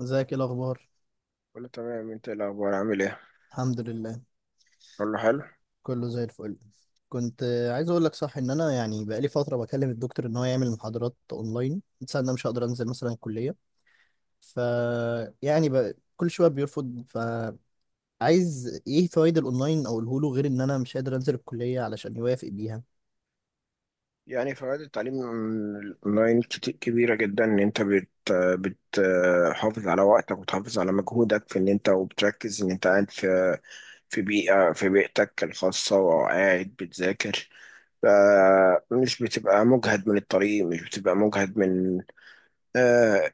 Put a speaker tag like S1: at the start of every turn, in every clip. S1: ازيك، ايه الاخبار؟
S2: كله تمام، انت ايه الاخبار؟ عامل ايه؟
S1: الحمد لله.
S2: كله حلو.
S1: كله زي الفل. كنت عايز اقول لك، صح ان انا يعني بقالي فتره بكلم الدكتور ان هو يعمل محاضرات اونلاين، بس انا مش هقدر انزل مثلا الكليه. ف يعني كل شويه بيرفض، فعايز ايه فوائد الاونلاين اقوله له، غير ان انا مش قادر انزل الكليه علشان يوافق بيها.
S2: يعني فوائد التعليم اونلاين كبيره جدا، ان انت بتحافظ على وقتك وتحافظ على مجهودك في ان انت وبتركز ان انت قاعد في بيئه، بيئتك الخاصه وقاعد بتذاكر. فمش بتبقى مجهد من الطريق، مش بتبقى مجهد من، آه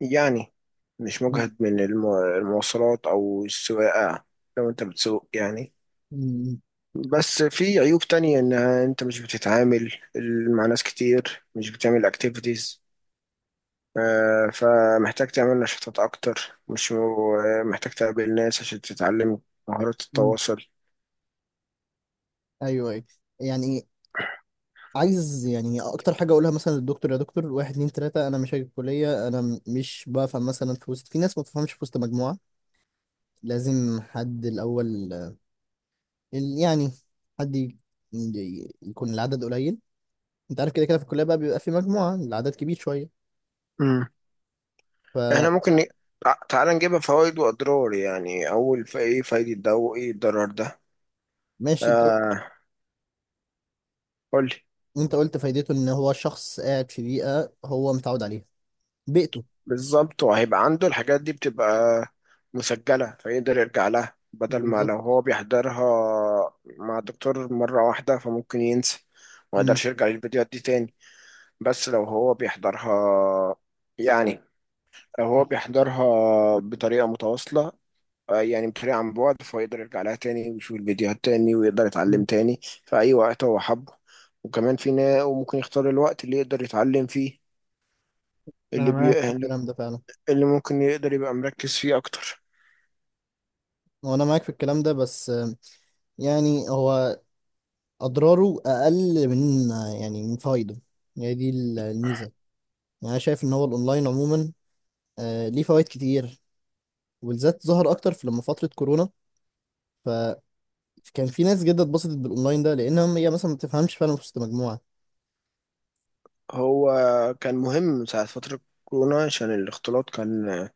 S2: يعني مش
S1: مم.
S2: مجهد من المواصلات او السواقه، لو انت بتسوق يعني.
S1: مم.
S2: بس في عيوب تانية، انها انت مش بتتعامل مع ناس كتير، مش بتعمل اكتيفيتيز. فمحتاج تعمل نشاطات اكتر، مش محتاج تقابل ناس عشان تتعلم مهارات
S1: مم.
S2: التواصل.
S1: ايوه، أيوة. يعني عايز يعني اكتر حاجه اقولها مثلا للدكتور: يا دكتور، واحد اتنين تلاته، انا مش هاجي الكليه. انا مش بفهم مثلا في وسط، في ناس ما بتفهمش في وسط مجموعه. لازم حد الأول يعني حد ي- يكون العدد قليل. انت عارف كده كده، في الكلية بقى بيبقى في مجموعة، العدد كبير شوية.
S2: مم.
S1: ف
S2: احنا ممكن تعال نجيبها فوائد واضرار يعني. اول ايه فايدة ده وايه الضرر ده؟
S1: ماشي،
S2: آه، قول لي.
S1: انت قلت فايدته ان هو شخص قاعد في بيئة هو متعود عليها، بيئته.
S2: بالظبط. وهيبقى عنده الحاجات دي بتبقى مسجلة، فيقدر يرجع لها، بدل ما
S1: بالظبط.
S2: لو هو بيحضرها مع دكتور مرة واحدة فممكن ينسى، ما
S1: امم
S2: يقدرش يرجع للفيديوهات دي تاني. بس لو هو بيحضرها، يعني لو هو بيحضرها بطريقة متواصلة، بطريقة عن بعد، فيقدر يرجع لها تاني ويشوف الفيديوهات تاني ويقدر
S1: أمم.
S2: يتعلم تاني في أي وقت هو حبه. وكمان وممكن يختار الوقت اللي يقدر يتعلم فيه،
S1: انا
S2: اللي بي...
S1: معاك في الكلام ده فعلا.
S2: اللي ممكن يقدر يبقى مركز فيه أكتر.
S1: هو انا معاك في الكلام ده، بس يعني هو اضراره اقل من يعني من فوائده. هي دي الميزة. يعني انا شايف ان هو الاونلاين عموما ليه فوائد كتير، وبالذات ظهر اكتر في لما فتره كورونا. فكان في ناس جدا اتبسطت بالاونلاين ده، لانها هي مثلا ما بتفهمش فعلا في وسط مجموعه.
S2: هو كان مهم ساعة فترة كورونا، عشان الاختلاط كان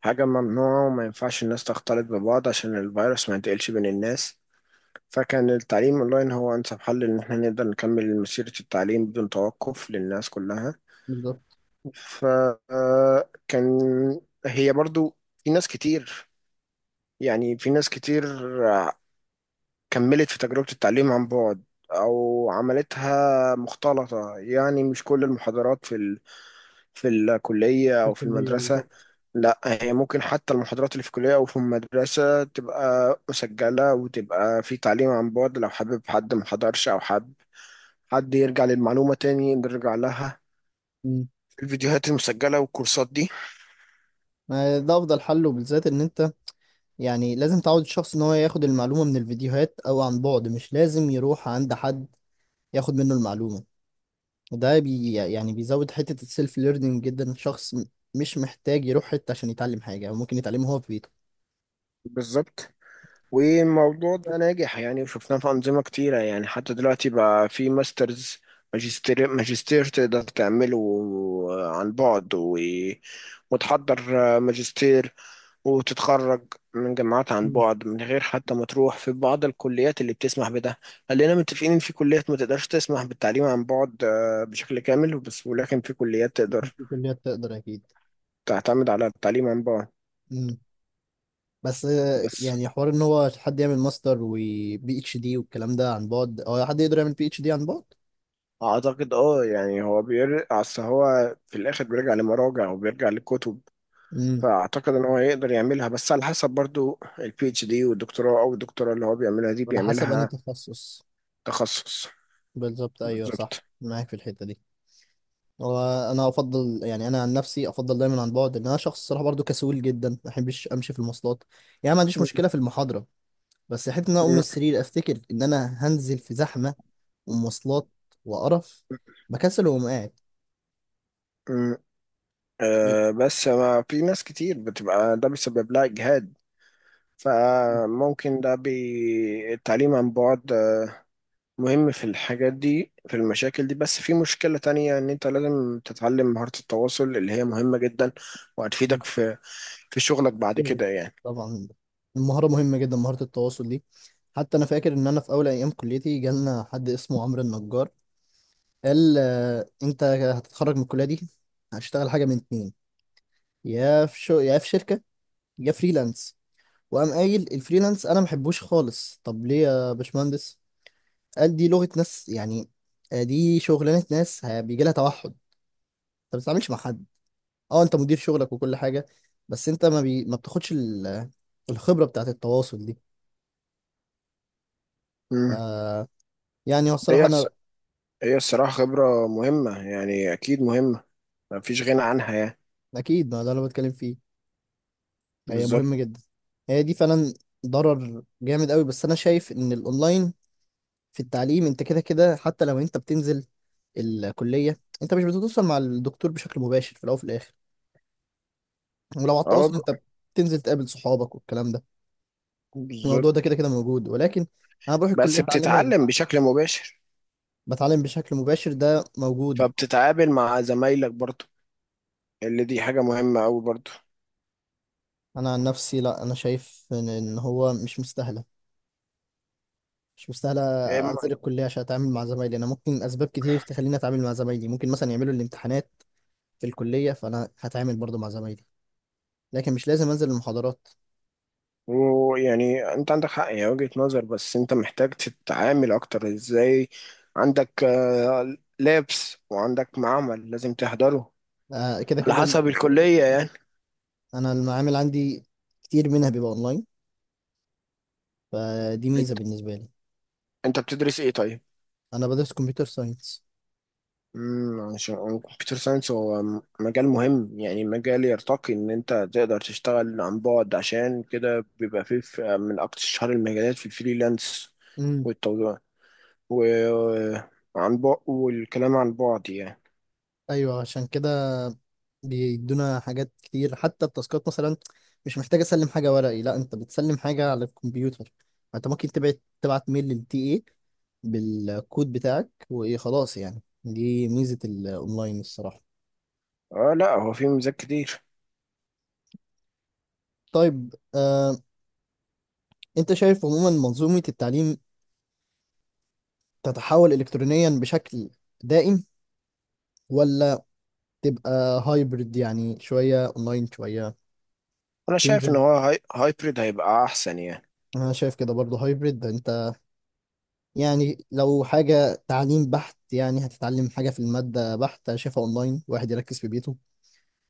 S2: حاجة ممنوعة وما ينفعش الناس تختلط ببعض عشان الفيروس ما ينتقلش بين الناس. فكان التعليم اونلاين هو انسب حل ان احنا نقدر نكمل مسيرة التعليم بدون توقف للناس كلها.
S1: بالظبط.
S2: فكان، هي برضو، في ناس كتير، في ناس كتير كملت في تجربة التعليم عن بعد أو عملتها مختلطة، يعني مش كل المحاضرات في الكلية
S1: في
S2: أو في
S1: الكلية
S2: المدرسة.
S1: بالظبط.
S2: لا، هي ممكن حتى المحاضرات اللي في الكلية أو في المدرسة تبقى مسجلة، وتبقى في تعليم عن بعد، لو حابب حد محضرش، أو حابب حد يرجع للمعلومة تاني نرجع لها
S1: مم.
S2: في الفيديوهات المسجلة والكورسات دي.
S1: ما ده افضل حل، وبالذات ان انت يعني لازم تعود الشخص ان هو ياخد المعلومه من الفيديوهات او عن بعد، مش لازم يروح عند حد ياخد منه المعلومه. وده يعني بيزود حته السيلف ليرنينج جدا. الشخص مش محتاج يروح حته عشان يتعلم حاجه، هو ممكن يتعلمها هو في بيته.
S2: بالظبط. والموضوع ده ناجح يعني، وشفناه في أنظمة كتيرة، يعني حتى دلوقتي بقى في ماسترز، ماجستير. ماجستير تقدر تعمله عن بعد وتحضر ماجستير وتتخرج من جامعات عن
S1: مم.
S2: بعد من غير حتى ما تروح، في بعض الكليات اللي بتسمح بده. خلينا متفقين ان في كليات ما تقدرش تسمح بالتعليم عن بعد بشكل كامل بس، ولكن في كليات تقدر
S1: في كليات تقدر اكيد.
S2: تعتمد على التعليم عن بعد.
S1: مم. بس
S2: بس
S1: يعني حوار ان هو حد يعمل ماستر وبي اتش دي والكلام ده عن بعد، او حد يقدر يعمل بي اتش دي عن بعد.
S2: اعتقد اه، يعني هو بيرجع، اصل هو في الاخر بيرجع لمراجع وبيرجع لكتب،
S1: امم.
S2: فاعتقد ان هو يقدر يعملها، بس على حسب برضو البي اتش دي والدكتوراه، او الدكتوراه اللي هو بيعملها دي
S1: على حسب انهي
S2: بيعملها
S1: تخصص.
S2: تخصص.
S1: بالظبط، ايوه صح،
S2: بالظبط.
S1: معاك في الحته دي. وانا افضل، يعني انا عن نفسي افضل دايما عن بعد، ان انا شخص صراحه برضو كسول جدا، ما بحبش امشي في المواصلات. يعني ما عنديش مشكله في المحاضره، بس حته ان انا اقوم من السرير، افتكر ان انا هنزل في زحمه ومواصلات وقرف، بكسل واقوم قاعد.
S2: أه، بس ما في ناس كتير بتبقى ده بيسبب لها إجهاد. فممكن التعليم عن بعد مهم في الحاجات دي، في المشاكل دي. بس في مشكلة تانية، إن أنت لازم تتعلم مهارة التواصل اللي هي مهمة جدا، وهتفيدك في في شغلك بعد
S1: شغل.
S2: كده يعني.
S1: طبعا. المهارة مهمة جدا، مهارة التواصل دي. حتى أنا فاكر إن أنا في أول أيام كليتي جالنا حد اسمه عمرو النجار، قال أنت هتتخرج من الكلية دي، هتشتغل حاجة من اتنين: يا في شو، يا في شركة، يا فريلانس. وقام قايل الفريلانس أنا محبوش خالص. طب ليه يا باشمهندس؟ قال دي لغة ناس يعني، دي شغلانة ناس بيجي لها توحد. أنت ما بتتعاملش مع حد. أه أنت مدير شغلك وكل حاجة، بس أنت ما بتاخدش الخبرة بتاعت التواصل دي. ف
S2: مم.
S1: يعني هو الصراحة
S2: هي
S1: أنا،
S2: الص- هي الصراحة خبرة مهمة، يعني أكيد مهمة، مفيش غنى عنها يعني.
S1: أكيد ما ده اللي أنا بتكلم فيه. هي
S2: بالظبط.
S1: مهمة جدا، هي دي فعلا ضرر جامد قوي. بس أنا شايف إن الأونلاين في التعليم، أنت كده كده حتى لو أنت بتنزل الكلية أنت مش بتتواصل مع الدكتور بشكل مباشر في الأول وفي الآخر. ولو على
S2: اه
S1: التواصل،
S2: ب-
S1: أنت بتنزل تقابل صحابك والكلام ده،
S2: بالظبط،
S1: الموضوع ده كده كده موجود. ولكن أنا بروح الكلية
S2: بس
S1: أتعلم وأجي.
S2: بتتعلم بشكل مباشر،
S1: بتعلم بشكل مباشر، ده موجود.
S2: فبتتعامل مع زمايلك برضه، اللي دي حاجة مهمة أوي برضو.
S1: أنا عن نفسي لا، أنا شايف إن هو مش مستاهلة، مش مستاهلة
S2: إيه، م-
S1: أنزل الكلية عشان أتعامل مع زمايلي. أنا ممكن أسباب كتير تخليني أتعامل مع زمايلي، ممكن مثلا يعملوا الامتحانات في الكلية، فأنا هتعامل برضو مع زمايلي، لكن مش لازم أنزل المحاضرات.
S2: ويعني أنت عندك حق، هي وجهة نظر، بس أنت محتاج تتعامل أكتر. إزاي؟ عندك لابس، وعندك معمل لازم تحضره،
S1: كده
S2: على
S1: كده
S2: حسب الكلية يعني.
S1: أنا المعامل عندي كتير منها بيبقى أونلاين، فدي
S2: أنت
S1: ميزة بالنسبة لي.
S2: أنت بتدرس إيه طيب؟
S1: أنا بدرس كمبيوتر ساينس.
S2: امم، عشان كمبيوتر ساينس هو مجال مهم يعني، مجال يرتقي ان انت تقدر تشتغل عن بعد، عشان كده بيبقى فيه من اكتر شهر المجالات في الفريلانس
S1: أمم.
S2: وعن بعد، والكلام عن بعد يعني.
S1: أيوه، عشان كده بيدونا حاجات كتير، حتى التاسكات مثلا مش محتاج اسلم حاجه ورقي، لا انت بتسلم حاجه على الكمبيوتر. انت ممكن تبعت ميل للتي اي بالكود بتاعك، وايه، خلاص. يعني دي ميزه الاونلاين الصراحه.
S2: اه، لا هو في ميزات كتير.
S1: طيب انت شايف عموما منظومه التعليم تتحول الكترونيا بشكل دائم، ولا تبقى هايبرد؟ يعني شويه اونلاين شويه
S2: انا شايف ان
S1: تنزل.
S2: هو هايبريد هيبقى احسن يعني.
S1: انا شايف كده برضه، هايبرد. يعني لو حاجة تعليم بحت، يعني هتتعلم حاجة في المادة بحتة، شايفها أونلاين، واحد يركز في بيته.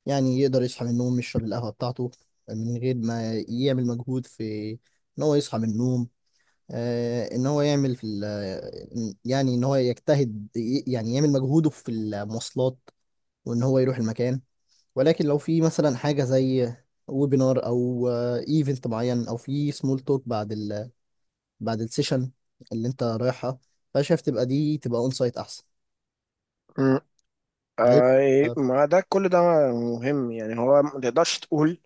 S1: يعني يقدر يصحى من النوم، يشرب القهوة بتاعته، من غير ما يعمل مجهود في إن هو يصحى من النوم، آه إن هو يعمل في يعني إن هو يجتهد يعني يعمل مجهوده في المواصلات، وإن هو يروح المكان. ولكن لو في مثلا حاجة زي ويبينار، أو إيفنت معين، أو في سمول توك بعد بعد السيشن اللي انت رايحها، فانا شايف تبقى دي تبقى اون سايت احسن.
S2: مم.
S1: يعني
S2: آه، إيه،
S1: آه،
S2: ما ده كل ده مهم يعني. هو ما تقدرش تقول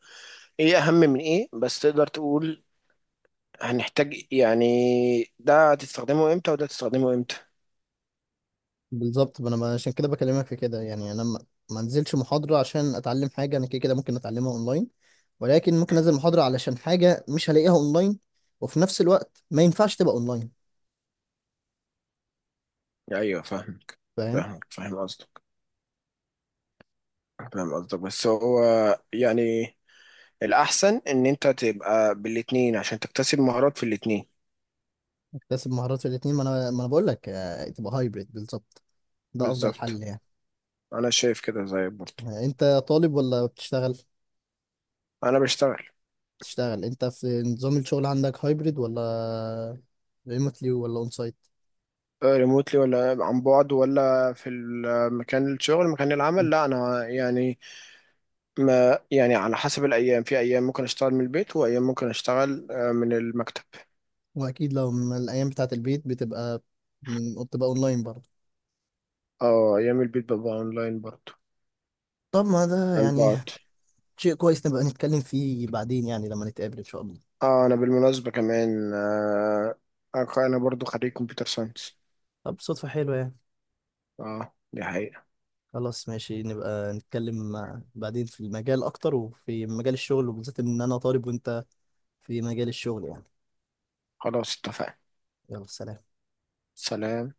S2: ايه اهم من ايه، بس تقدر تقول هنحتاج يعني ده هتستخدمه امتى وده هتستخدمه امتى.
S1: بالظبط. ما انا ما- عشان كده بكلمك في كده، يعني انا ما انزلش محاضره عشان اتعلم حاجه انا كده كده ممكن اتعلمها اونلاين، ولكن ممكن انزل محاضره علشان حاجه مش هلاقيها اونلاين وفي نفس الوقت ما ينفعش تبقى اونلاين.
S2: ايوه، فاهمك.
S1: فاهم.
S2: فاهمك، فاهم قصدك. فاهم قصدك، بس هو يعني الأحسن إن أنت تبقى بالاتنين عشان تكتسب مهارات في الاتنين.
S1: اكتسب مهارات في الاثنين. ما انا، ما انا بقول لك، تبقى هايبريد بالظبط، ده افضل
S2: بالظبط.
S1: حل يعني.
S2: انا شايف كده زيك برضه.
S1: انت طالب ولا بتشتغل؟
S2: انا بشتغل
S1: بتشتغل. انت في نظام الشغل عندك هايبريد، ولا ريموتلي، ولا اون سايت؟
S2: ريموتلي ولا عن بعد ولا في مكان الشغل، مكان العمل؟ لا انا يعني، ما يعني على حسب الايام، في ايام ممكن اشتغل من البيت، وايام ممكن اشتغل من المكتب.
S1: واكيد لو من الايام بتاعه البيت بتبقى، بتبقى اونلاين برضه.
S2: اه، ايام البيت ببقى اونلاين برضه،
S1: طب ما ده
S2: عن
S1: يعني
S2: بعد.
S1: شيء كويس، نبقى نتكلم فيه بعدين، يعني لما نتقابل ان شاء الله.
S2: اه انا بالمناسبة كمان آه، انا برضه خريج كمبيوتر ساينس.
S1: طب صدفة حلوة يعني.
S2: اه دي حقيقة.
S1: خلاص ماشي، نبقى نتكلم بعدين في المجال اكتر، وفي مجال الشغل، وبالذات ان انا طالب وانت في مجال الشغل يعني.
S2: خلاص، اتفقنا.
S1: يلا سلام.
S2: سلام.